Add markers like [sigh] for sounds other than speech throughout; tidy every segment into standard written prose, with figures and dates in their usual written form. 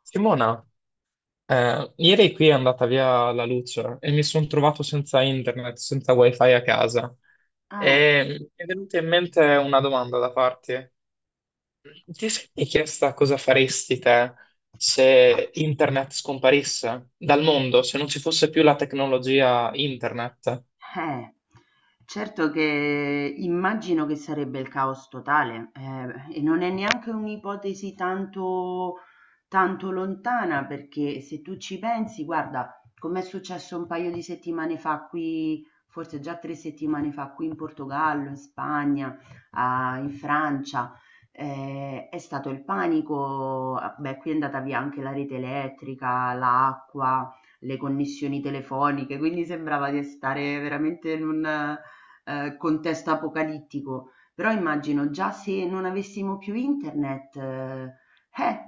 Simona, ieri qui è andata via la luce e mi sono trovato senza internet, senza wifi a casa. Ah, E mi è venuta in mente una domanda da farti. Ti sei chiesta cosa faresti te se internet scomparisse dal mondo, se non ci fosse più la tecnologia internet? eh. Certo che immagino che sarebbe il caos totale, e non è neanche un'ipotesi tanto lontana, perché se tu ci pensi, guarda, com'è successo un paio di settimane fa qui, forse già tre settimane fa, qui in Portogallo, in Spagna, in Francia, è stato il panico, ah, beh, qui è andata via anche la rete elettrica, l'acqua, le connessioni telefoniche, quindi sembrava di stare veramente in un contesto apocalittico, però immagino già se non avessimo più internet, eh,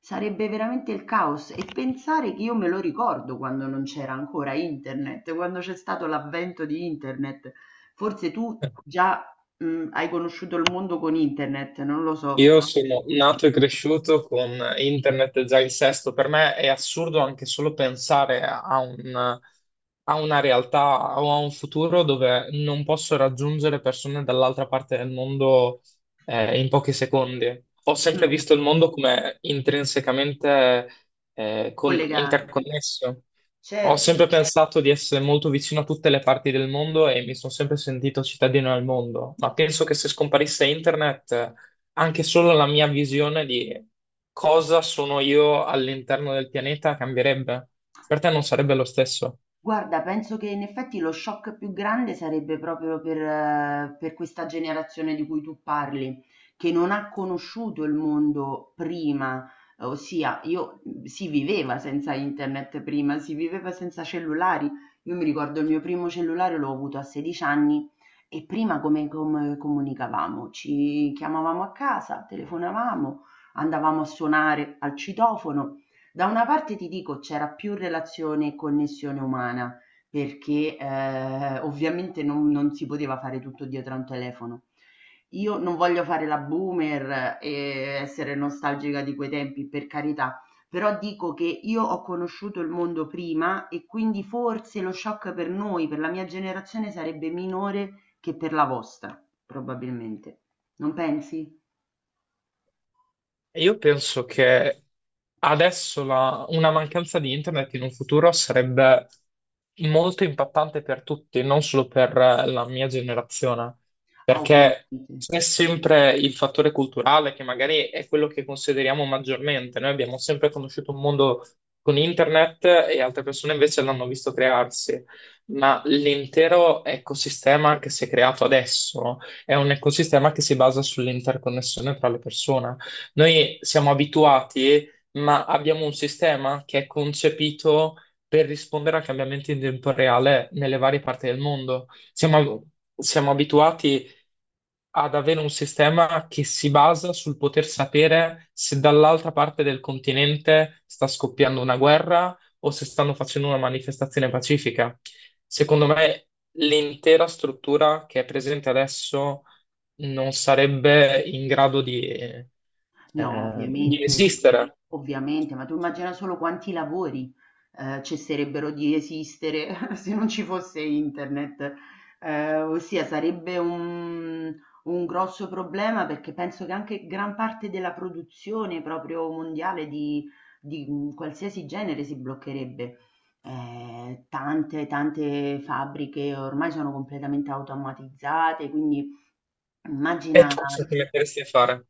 sarebbe veramente il caos. E pensare che io me lo ricordo quando non c'era ancora internet, quando c'è stato l'avvento di internet, forse tu [laughs] già hai conosciuto il mondo con internet, non lo so. Io sono nato e cresciuto con internet già in sesto. Per me è assurdo anche solo pensare a a una realtà o a un futuro dove non posso raggiungere persone dall'altra parte del mondo, in pochi secondi. Ho sempre Mm, visto il mondo come intrinsecamente collegato. interconnesso. Ho sempre Certo. pensato di essere molto vicino a tutte le parti del mondo e mi sono sempre sentito cittadino del mondo, ma penso che se scomparisse internet anche solo la mia visione di cosa sono io all'interno del pianeta cambierebbe. Per te non sarebbe lo stesso. Guarda, penso che in effetti lo shock più grande sarebbe proprio per questa generazione di cui tu parli, che non ha conosciuto il mondo prima, ossia io si viveva senza internet prima, si viveva senza cellulari. Io mi ricordo il mio primo cellulare l'ho avuto a 16 anni e prima come, come comunicavamo? Ci chiamavamo a casa, telefonavamo, andavamo a suonare al citofono. Da una parte ti dico c'era più relazione e connessione umana, perché, ovviamente non si poteva fare tutto dietro a un telefono. Io non voglio fare la boomer e essere nostalgica di quei tempi, per carità, però dico che io ho conosciuto il mondo prima e quindi forse lo shock per noi, per la mia generazione sarebbe minore che per la vostra, probabilmente. Non pensi? Io penso che adesso una mancanza di internet in un futuro sarebbe molto impattante per tutti, non solo per la mia generazione, Ah, perché ovviamente. c'è sempre il fattore culturale che magari è quello che consideriamo maggiormente. Noi abbiamo sempre conosciuto un mondo con internet e altre persone invece l'hanno visto crearsi, ma l'intero ecosistema che si è creato adesso è un ecosistema che si basa sull'interconnessione tra le persone. Noi siamo abituati, ma abbiamo un sistema che è concepito per rispondere a cambiamenti in tempo reale nelle varie parti del mondo. Siamo abituati ad avere un sistema che si basa sul poter sapere se dall'altra parte del continente sta scoppiando una guerra o se stanno facendo una manifestazione pacifica. Secondo me, l'intera struttura che è presente adesso non sarebbe in grado No, di ovviamente, esistere. ovviamente, ma tu immagina solo quanti lavori cesserebbero di esistere [laughs] se non ci fosse internet. Ossia, sarebbe un grosso problema perché penso che anche gran parte della produzione proprio mondiale di qualsiasi genere si bloccherebbe. Tante fabbriche ormai sono completamente automatizzate, quindi E immagina. tu cosa ti metteresti a fare?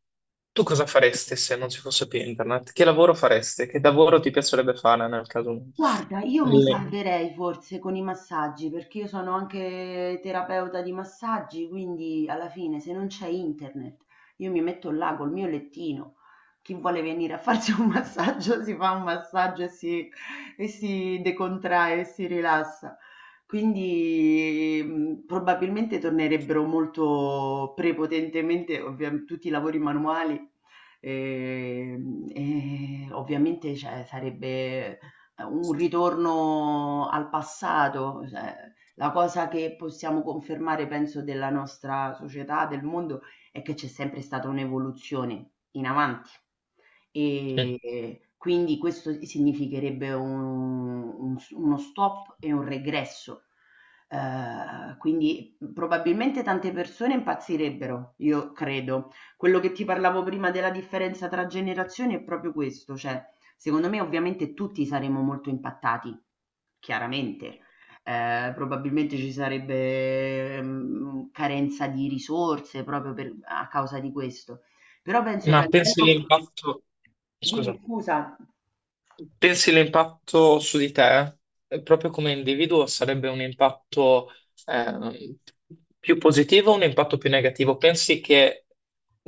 Tu cosa faresti se non ci fosse più internet? Che lavoro faresti? Che lavoro ti piacerebbe fare nel caso? Guarda, io mi Le- salverei forse con i massaggi, perché io sono anche terapeuta di massaggi, quindi alla fine se non c'è internet, io mi metto là col mio lettino. Chi vuole venire a farsi un [laughs] massaggio si fa un massaggio e e si decontrae e si rilassa. Quindi probabilmente tornerebbero molto prepotentemente, ovviamente, tutti i lavori manuali. E, e ovviamente cioè, sarebbe un ritorno al passato, cioè, la cosa che possiamo confermare, penso, della nostra società, del mondo, è che c'è sempre stata un'evoluzione in avanti. Mm. E quindi questo significherebbe uno stop e un regresso. Quindi probabilmente tante persone impazzirebbero, io credo. Quello che ti parlavo prima della differenza tra generazioni è proprio questo, cioè secondo me ovviamente tutti saremmo molto impattati, chiaramente. Probabilmente ci sarebbe, carenza di risorse proprio per a causa di questo. Però penso che a Ma pensi livello all'impatto... dimmi Scusa. scusa. Pensi l'impatto su di te, proprio come individuo, sarebbe un impatto ehm, più positivo o un impatto più negativo? Pensi che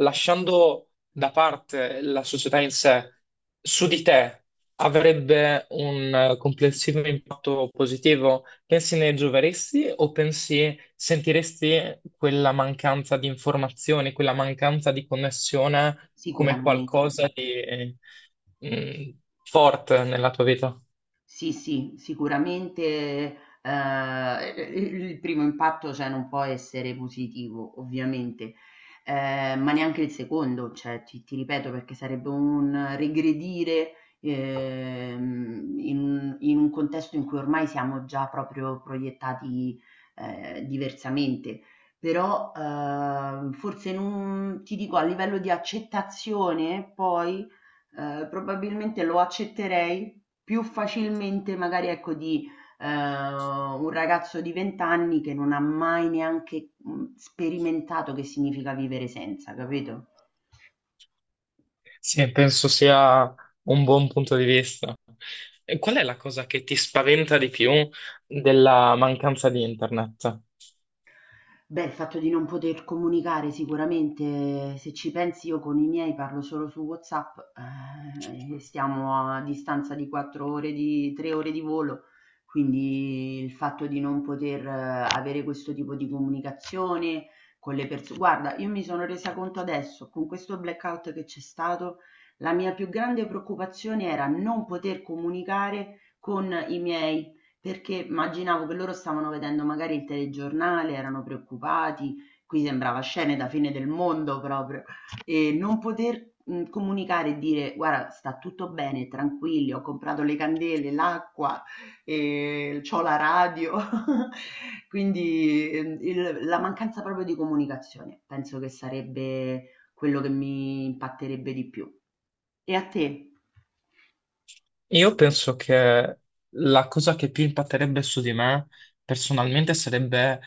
lasciando da parte la società in sé, su di te avrebbe un complessivo impatto positivo? Pensi ne gioveresti o pensi sentiresti quella mancanza di informazioni, quella mancanza di connessione, come Sicuramente. qualcosa di mh, forte nella tua vita? Sì, sì, sicuramente, il primo impatto, cioè, non può essere positivo, ovviamente, ma neanche il secondo, cioè, ti ripeto, perché sarebbe un regredire, in un contesto in cui ormai siamo già proprio proiettati, diversamente. Però, forse non ti dico, a livello di accettazione poi, probabilmente lo accetterei più facilmente, magari ecco, di un ragazzo di 20 anni che non ha mai neanche sperimentato che significa vivere senza, capito? Sì, penso sia un buon punto di vista. E qual è la cosa che ti spaventa di più della mancanza di internet? Beh, il fatto di non poter comunicare sicuramente, se ci pensi io con i miei parlo solo su WhatsApp, e stiamo a distanza di 4 ore di 3 ore di volo, quindi il fatto di non poter avere questo tipo di comunicazione con le persone. Guarda, io mi sono resa conto adesso, con questo blackout che c'è stato, la mia più grande preoccupazione era non poter comunicare con i miei perché immaginavo che loro stavano vedendo magari il telegiornale, erano preoccupati, qui sembrava scene da fine del mondo proprio, e non poter comunicare e dire guarda, sta tutto bene, tranquilli, ho comprato le candele, l'acqua, e c'ho la radio. [laughs] Quindi la mancanza proprio di comunicazione, penso che sarebbe quello che mi impatterebbe di più. E a te? Io penso che la cosa che più impatterebbe su di me personalmente sarebbe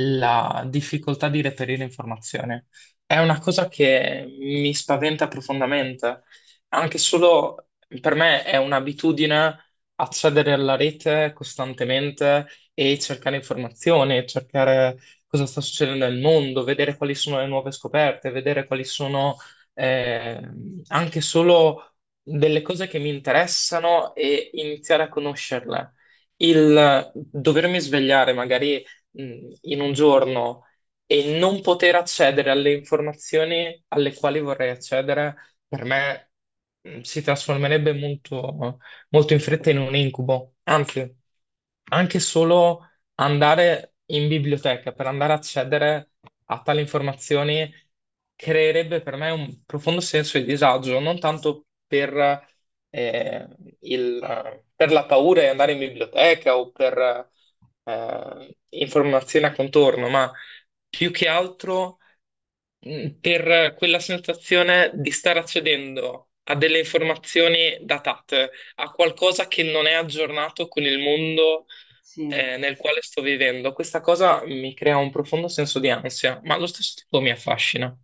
la difficoltà di reperire informazioni. È una cosa che mi spaventa profondamente, anche solo per me è un'abitudine accedere alla rete costantemente e cercare informazioni, cercare cosa sta succedendo nel mondo, vedere quali sono le nuove scoperte, vedere quali sono eh, anche solo delle cose che mi interessano e iniziare a conoscerle. Il dovermi svegliare magari in un giorno e non poter accedere alle informazioni alle quali vorrei accedere, per me si trasformerebbe molto in fretta in un incubo. Anzi, anche solo andare in biblioteca per andare a accedere a tali informazioni creerebbe per me un profondo senso di disagio, non tanto per, eh, per la paura di andare in biblioteca o per informazioni a contorno, ma più che altro per quella sensazione di stare accedendo a delle informazioni datate, a qualcosa che non è aggiornato con il mondo Sì. Nel quale sto vivendo. Questa cosa mi crea un profondo senso di ansia, ma allo stesso tempo mi affascina.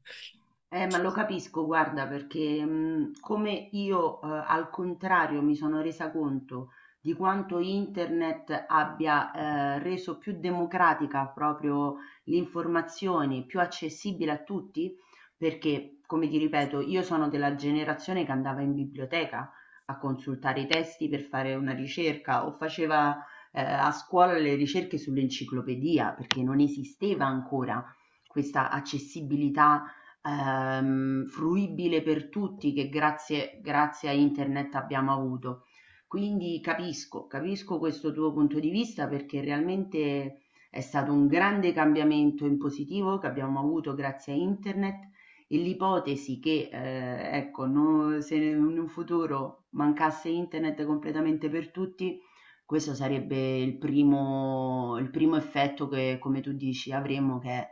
Ma lo capisco, guarda, perché come io al contrario mi sono resa conto di quanto internet abbia reso più democratica proprio l'informazione, più accessibile a tutti, perché, come ti ripeto, io sono della generazione che andava in biblioteca a consultare i testi per fare una ricerca o faceva a scuola le ricerche sull'enciclopedia, perché non esisteva ancora questa accessibilità fruibile per tutti che grazie a internet abbiamo avuto. Quindi capisco, capisco questo tuo punto di vista perché realmente è stato un grande cambiamento in positivo che abbiamo avuto grazie a internet e l'ipotesi che, ecco, se in un futuro mancasse internet completamente per tutti, questo sarebbe il primo effetto che, come tu dici, avremo che è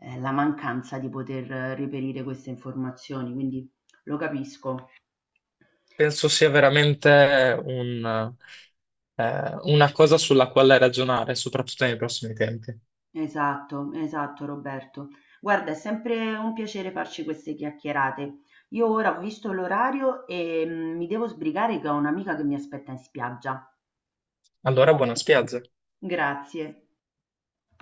la mancanza di poter reperire queste informazioni, quindi lo capisco. Penso sia veramente un, una cosa sulla quale ragionare, soprattutto nei prossimi tempi. Esatto, esatto Roberto. Guarda, è sempre un piacere farci queste chiacchierate. Io ora ho visto l'orario e mi devo sbrigare che ho un'amica che mi aspetta in spiaggia. Allora, buona spiaggia. Grazie.